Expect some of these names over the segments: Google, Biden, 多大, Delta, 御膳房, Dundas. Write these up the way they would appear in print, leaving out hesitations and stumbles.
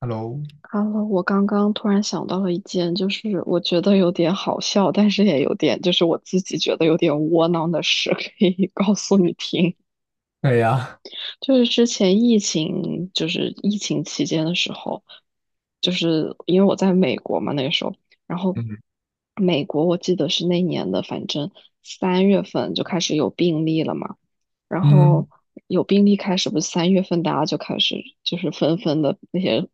Hello，哈喽，我刚刚突然想到了一件，就是我觉得有点好笑，但是也有点，就是我自己觉得有点窝囊的事，可以告诉你听。对呀，就是之前疫情，就是疫情期间的时候，就是因为我在美国嘛，那个时候，然后嗯美国我记得是那年的，反正三月份就开始有病例了嘛，然嗯后有病例开始，不是三月份大家就开始就是纷纷的那些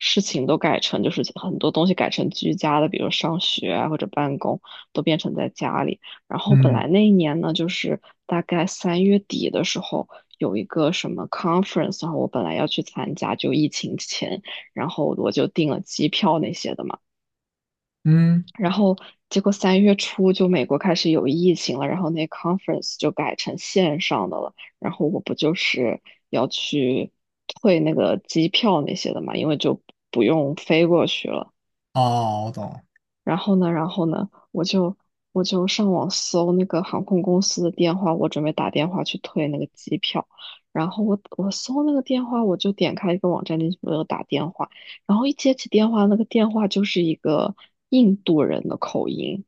事情都改成，就是很多东西改成居家的，比如上学啊或者办公都变成在家里。然后本来嗯那一年呢，就是大概3月底的时候。有一个什么 conference，然后我本来要去参加，就疫情前，然后我就订了机票那些的嘛。嗯，然后结果3月初就美国开始有疫情了，然后那 conference 就改成线上的了。然后我不就是要去退那个机票那些的嘛，因为就不用飞过去了。哦，我懂。然后呢，我就上网搜那个航空公司的电话，我准备打电话去退那个机票。然后我搜那个电话，我就点开一个网站进去，我就打电话。然后一接起电话，那个电话就是一个印度人的口音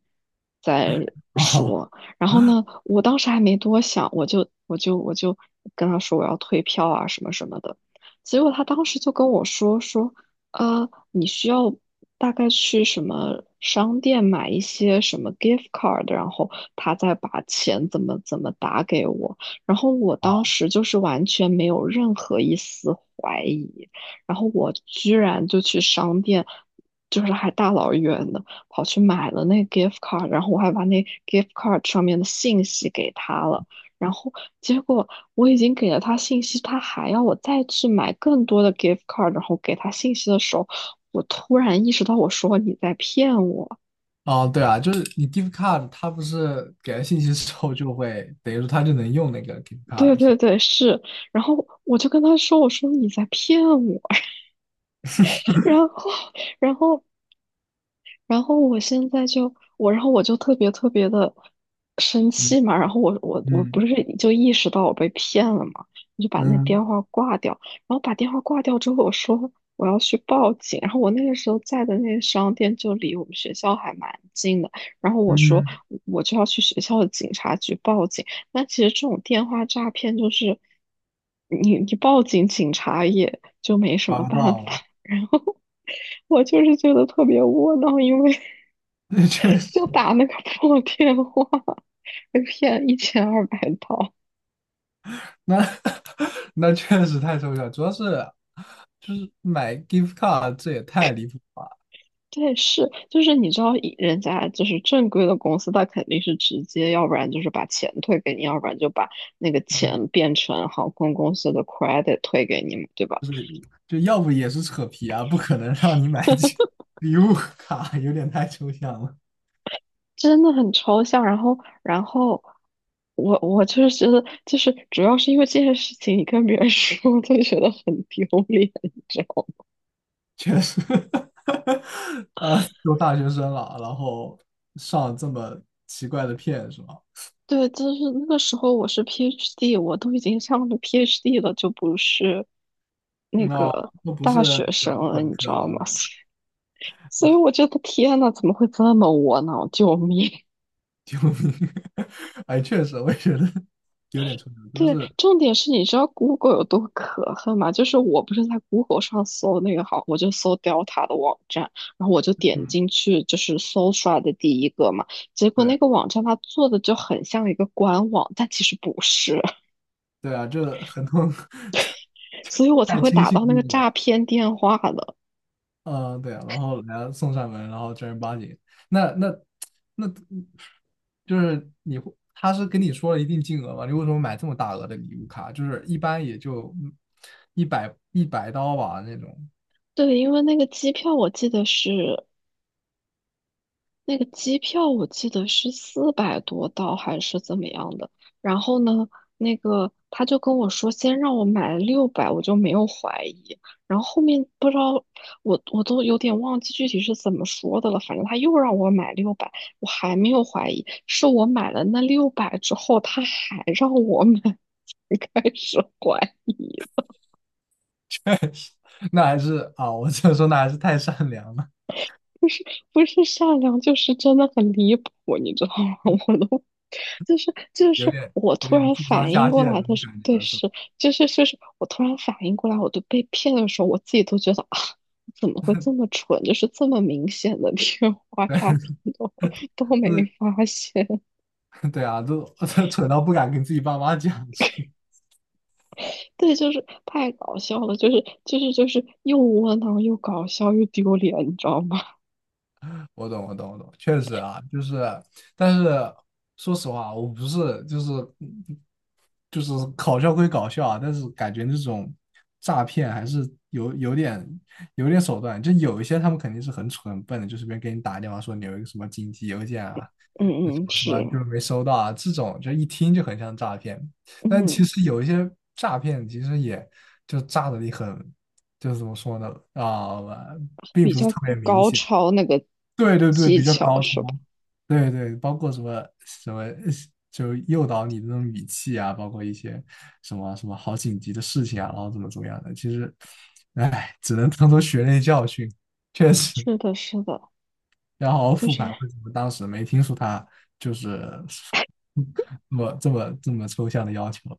在 哦说。然后呢，我当时还没多想，我就跟他说我要退票啊什么什么的。结果他当时就跟我说说，你需要大概去什么商店买一些什么 gift card，然后他再把钱怎么怎么打给我，然后我当哦时就是完全没有任何一丝怀疑，然后我居然就去商店，就是还大老远的跑去买了那 gift card，然后我还把那 gift card 上面的信息给他了。然后结果我已经给了他信息，他还要我再去买更多的 gift card，然后给他信息的时候，我突然意识到，我说你在骗我。哦，对啊，就是你 gift card，它不是给了信息之后就会，等于说它就能用那个 gift card 对了是对对，是。然后我就跟他说，我说你在骗我。然后，然后我现在就我，然后我就特别特别的生是。 气嘛，然后我不嗯是就意识到我被骗了嘛，我就把那嗯电话挂掉，然后把电话挂掉之后，我说我要去报警，然后我那个时候在的那个商店就离我们学校还蛮近的，然后我说嗯，我就要去学校的警察局报警，那其实这种电话诈骗就是你报警，警察也就没什搞么不办法。到。 我就是觉得特别窝囊，因为 那确实，就打那个 破电话，被骗一千二百刀。那 那确实太抽象，主要是就是买 gift card 这也太离谱了吧。对，是，就是你知道以人家就是正规的公司，他肯定是直接，要不然就是把钱退给你，要不然就把那个钱嗯，变成航空公司的 credit 退给你嘛，对吧？就是就要不也是扯皮啊，不可能让你买起礼物卡，有点太抽象了。真的很抽象。然后，然后我就是觉得，就是主要是因为这些事情，你跟别人说，就觉得很丢脸，你知道吗？确实，都大学生了，然后上这么奇怪的骗是吧？对，就是那个时候我是 PhD，我都已经上了 PhD 了，就不是那那个都不是大那学生个了，本你知科道吗？了。所以我觉得天呐，怎么会这么窝囊？救命！救命！哎，确实，我也觉得有点抽象，但对，是，重点是你知道 Google 有多可恨吗？就是我不是在 Google 上搜那个好，我就搜 Delta 的网站，然后我就点嗯，进去就是搜出来的第一个嘛，结果那对个网站它做的就很像一个官网，但其实不是。对啊，这很多。 所以我才太会轻打信到那个自我诈了。骗电话的。嗯，对啊，然后人家送上门，然后正儿八经，那那那，就是你会，他是跟你说了一定金额嘛？你为什么买这么大额的礼物卡？就是一般也就一百刀吧那种。对，因为那个机票我记得是400多刀还是怎么样的。然后呢，那个他就跟我说先让我买六百，我就没有怀疑。然后后面不知道我都有点忘记具体是怎么说的了，反正他又让我买六百，我还没有怀疑。是我买了那六百之后，他还让我买，才开始怀疑。确实，那还是啊，我只能说那还是太善良了，不是善良，就是真的很离谱，你知道吗？我都就是就有是点我有突点然智商反应下过线的来那的种时候，感觉对，了，是吧？是就是我突然反应过来，我都被骗的时候，我自己都觉得啊，怎么会这么蠢？就是这么明显的电话诈骗都 就没是发现，对啊，就 蠢到不敢跟自己爸妈讲，是吧？对，就是太搞笑了，就是又窝囊又搞笑又丢脸，你知道吗？我懂，我懂，我懂，确实啊，就是，但是说实话，我不是就是搞笑归搞笑啊，但是感觉那种诈骗还是有有点手段，就有一些他们肯定是很蠢很笨的，就随便给你打个电话说你有一个什么紧急邮件啊，什嗯嗯，么什是，么就是没收到啊，这种就一听就很像诈骗，但嗯，其实有一些诈骗其实也就诈的你很，就是怎么说呢啊、并比不是较特别明高显。超那个对对对，技比较巧高超，是吧？对对，包括什么什么，就诱导你的那种语气啊，包括一些什么什么好紧急的事情啊，然后怎么怎么样的，其实，唉，只能当做血泪教训，确实是的，是的，要好好就复是，盘，为什么当时没听出他就是这么这么这么抽象的要求？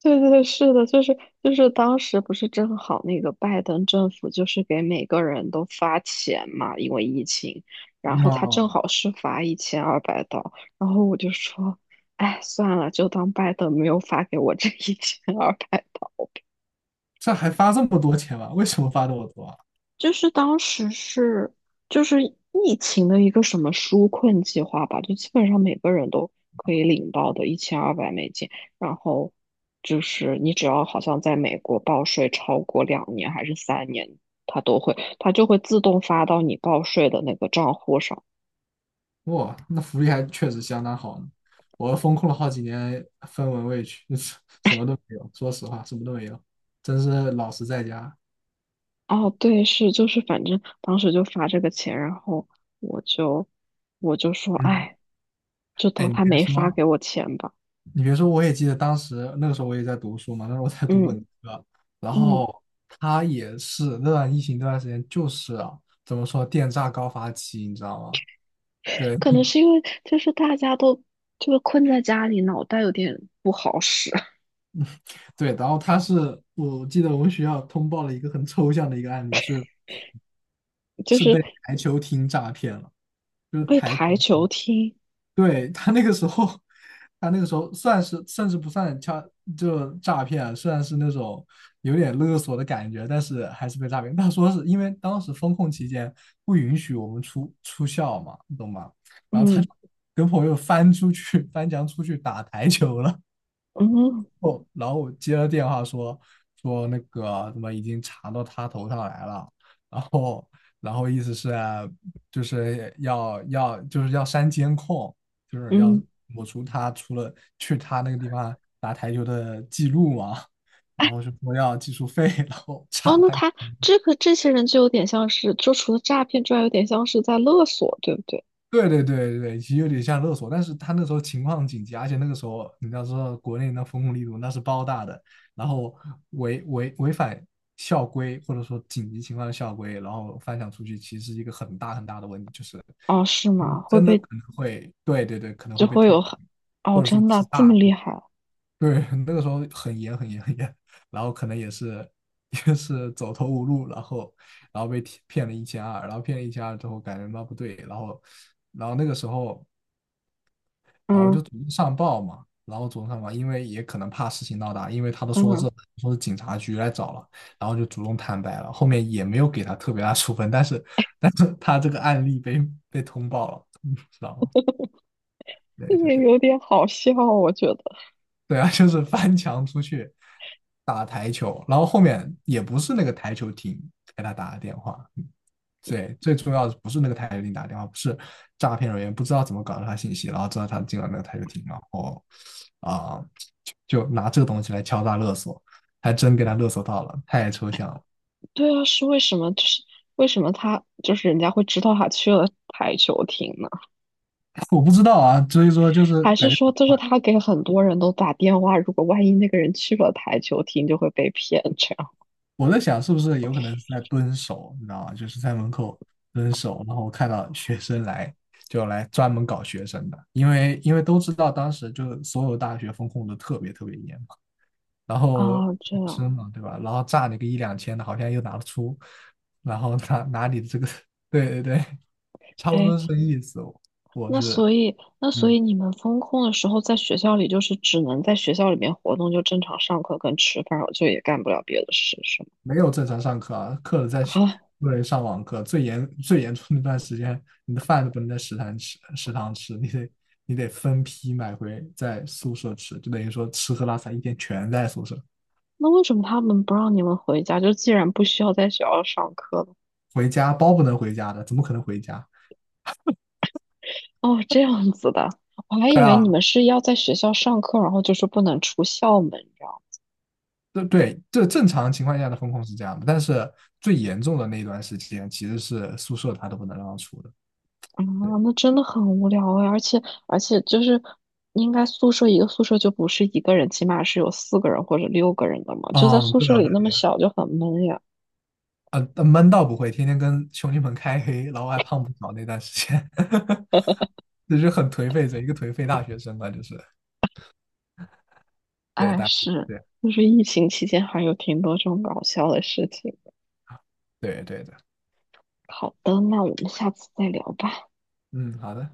对对，是的，就是当时不是正好那个拜登政府就是给每个人都发钱嘛，因为疫情，然后他正哦，好是发一千二百刀，然后我就说，哎，算了，就当拜登没有发给我这一千二百。这还发这么多钱吗？为什么发这么多啊？就是当时是就是疫情的一个什么纾困计划吧，就基本上每个人都可以领到的1200美金，然后就是你只要好像在美国报税超过2年还是3年，它都会它就会自动发到你报税的那个账户上。哇，那福利还确实相当好呢。我风控了好几年，分文未取，什么都没有。说实话，什么都没有，真是老实在家。哦，对，是就是反正当时就发这个钱，然后我就我就说，嗯，哎，就哎，当你他别没发说，给我钱吧。你别说，我也记得当时那个时候我也在读书嘛，那时候我在读本嗯科，然嗯。后他也是那段疫情那段时间，就是啊，怎么说电诈高发期，你知道吗？对。 可能 是因为就是大家都就是困在家里，脑袋有点不好使，对，然后他是我记得我们学校通报了一个很抽象的一个案例，是 就是是被台球厅诈骗了。就是被台。台球踢。对，他那个时候，他那个时候算是甚至不算诈，就诈骗啊，虽然是那种有点勒索的感觉，但是还是被诈骗。他说是因为当时封控期间不允许我们出校嘛，你懂吗？然后他嗯就跟朋友翻出去，翻墙出去打台球了。嗯后，然后接了电话说，那个什么已经查到他头上来了，然后意思是啊就是要就是要删监控，就是要嗯，抹除他除了去他那个地方打台球的记录嘛。然后是说要技术费，然后哦，查那他他这个这些人就有点像是，就除了诈骗之外，有点像是在勒索，对不对？对对对对，其实有点像勒索，但是他那时候情况紧急，而且那个时候你要知道国内那风控力度那是包大的，然后违反校规或者说紧急情况的校规，然后翻墙出去，其实是一个很大很大的问题，就是哦，是吗？会真的可被能会，对对对，可能就会被会退有学，很哦，或者说真极的这么大。厉害啊？对，那个时候很严很严很严，然后可能也是 也是走投无路，然后被骗了一千二，然后骗了一千二之后感觉到不对，然后那个时候然后嗯就主动上报嘛，然后主动上报，因为也可能怕事情闹大，因为他都说这嗯，说是警察局来找了，然后就主动坦白了，后面也没有给他特别大处分，但是他这个案例被通报了。然后 对对也对。有点好笑，我觉得。对啊，就是翻墙出去打台球，然后后面也不是那个台球厅给他打的电话，对，最重要的不是那个台球厅打电话，不是诈骗人员不知道怎么搞到他信息，然后知道他进了那个台球厅，然后啊、就拿这个东西来敲诈勒索，还真给他勒索到了，太抽象了。对啊，是为什么？就是为什么他就是人家会知道他去了台球厅呢？我不知道啊，所以说就是还是感觉说就是他给很多人都打电话，如果万一那个人去了台球厅，就会被骗这样我在想是不是有可能是在蹲守，你知道吗？就是在门口蹲守，然后看到学生来，就来专门搞学生的，因为都知道当时就所有大学风控的特别特别严嘛，然后啊？这学样，生嘛，对吧？然后炸你个一两千的，好像又拿得出，然后拿你的这个，对对对，差不哎，多是这个意思，我那是所以那所嗯以你们封控的时候，在学校里就是只能在学校里面活动，就正常上课跟吃饭，就也干不了别的事，是吗？没有正常上课啊，课在学，啊，不能上网课。最严重那段时间，你的饭都不能在食堂吃，你得分批买回在宿舍吃，就等于说吃喝拉撒一天全在宿舍。那为什么他们不让你们回家？就既然不需要在学校上课了，回家包不能回家的，怎么可能回家？哦，这样子的，我还对以为你啊，们是要在学校上课，然后就是不能出校门，知道吗？对对，这正常情况下的风控是这样的，但是最严重的那一段时间，其实是宿舍他都不能让出的。啊，对，那真的很无聊哎，而且就是应该宿舍一个宿舍就不是一个人，起码是有4个人或者6个人的嘛，就在嗯，宿对舍啊，里对那么小就很闷呀。啊闷倒不会，天天跟兄弟们开黑，老外胖不少那段时间。这是很颓废的一个颓废大学生吧，就是对哎，大是，对就是疫情期间还有挺多这种搞笑的事情。对对的，好的，那我们下次再聊吧。嗯，好的。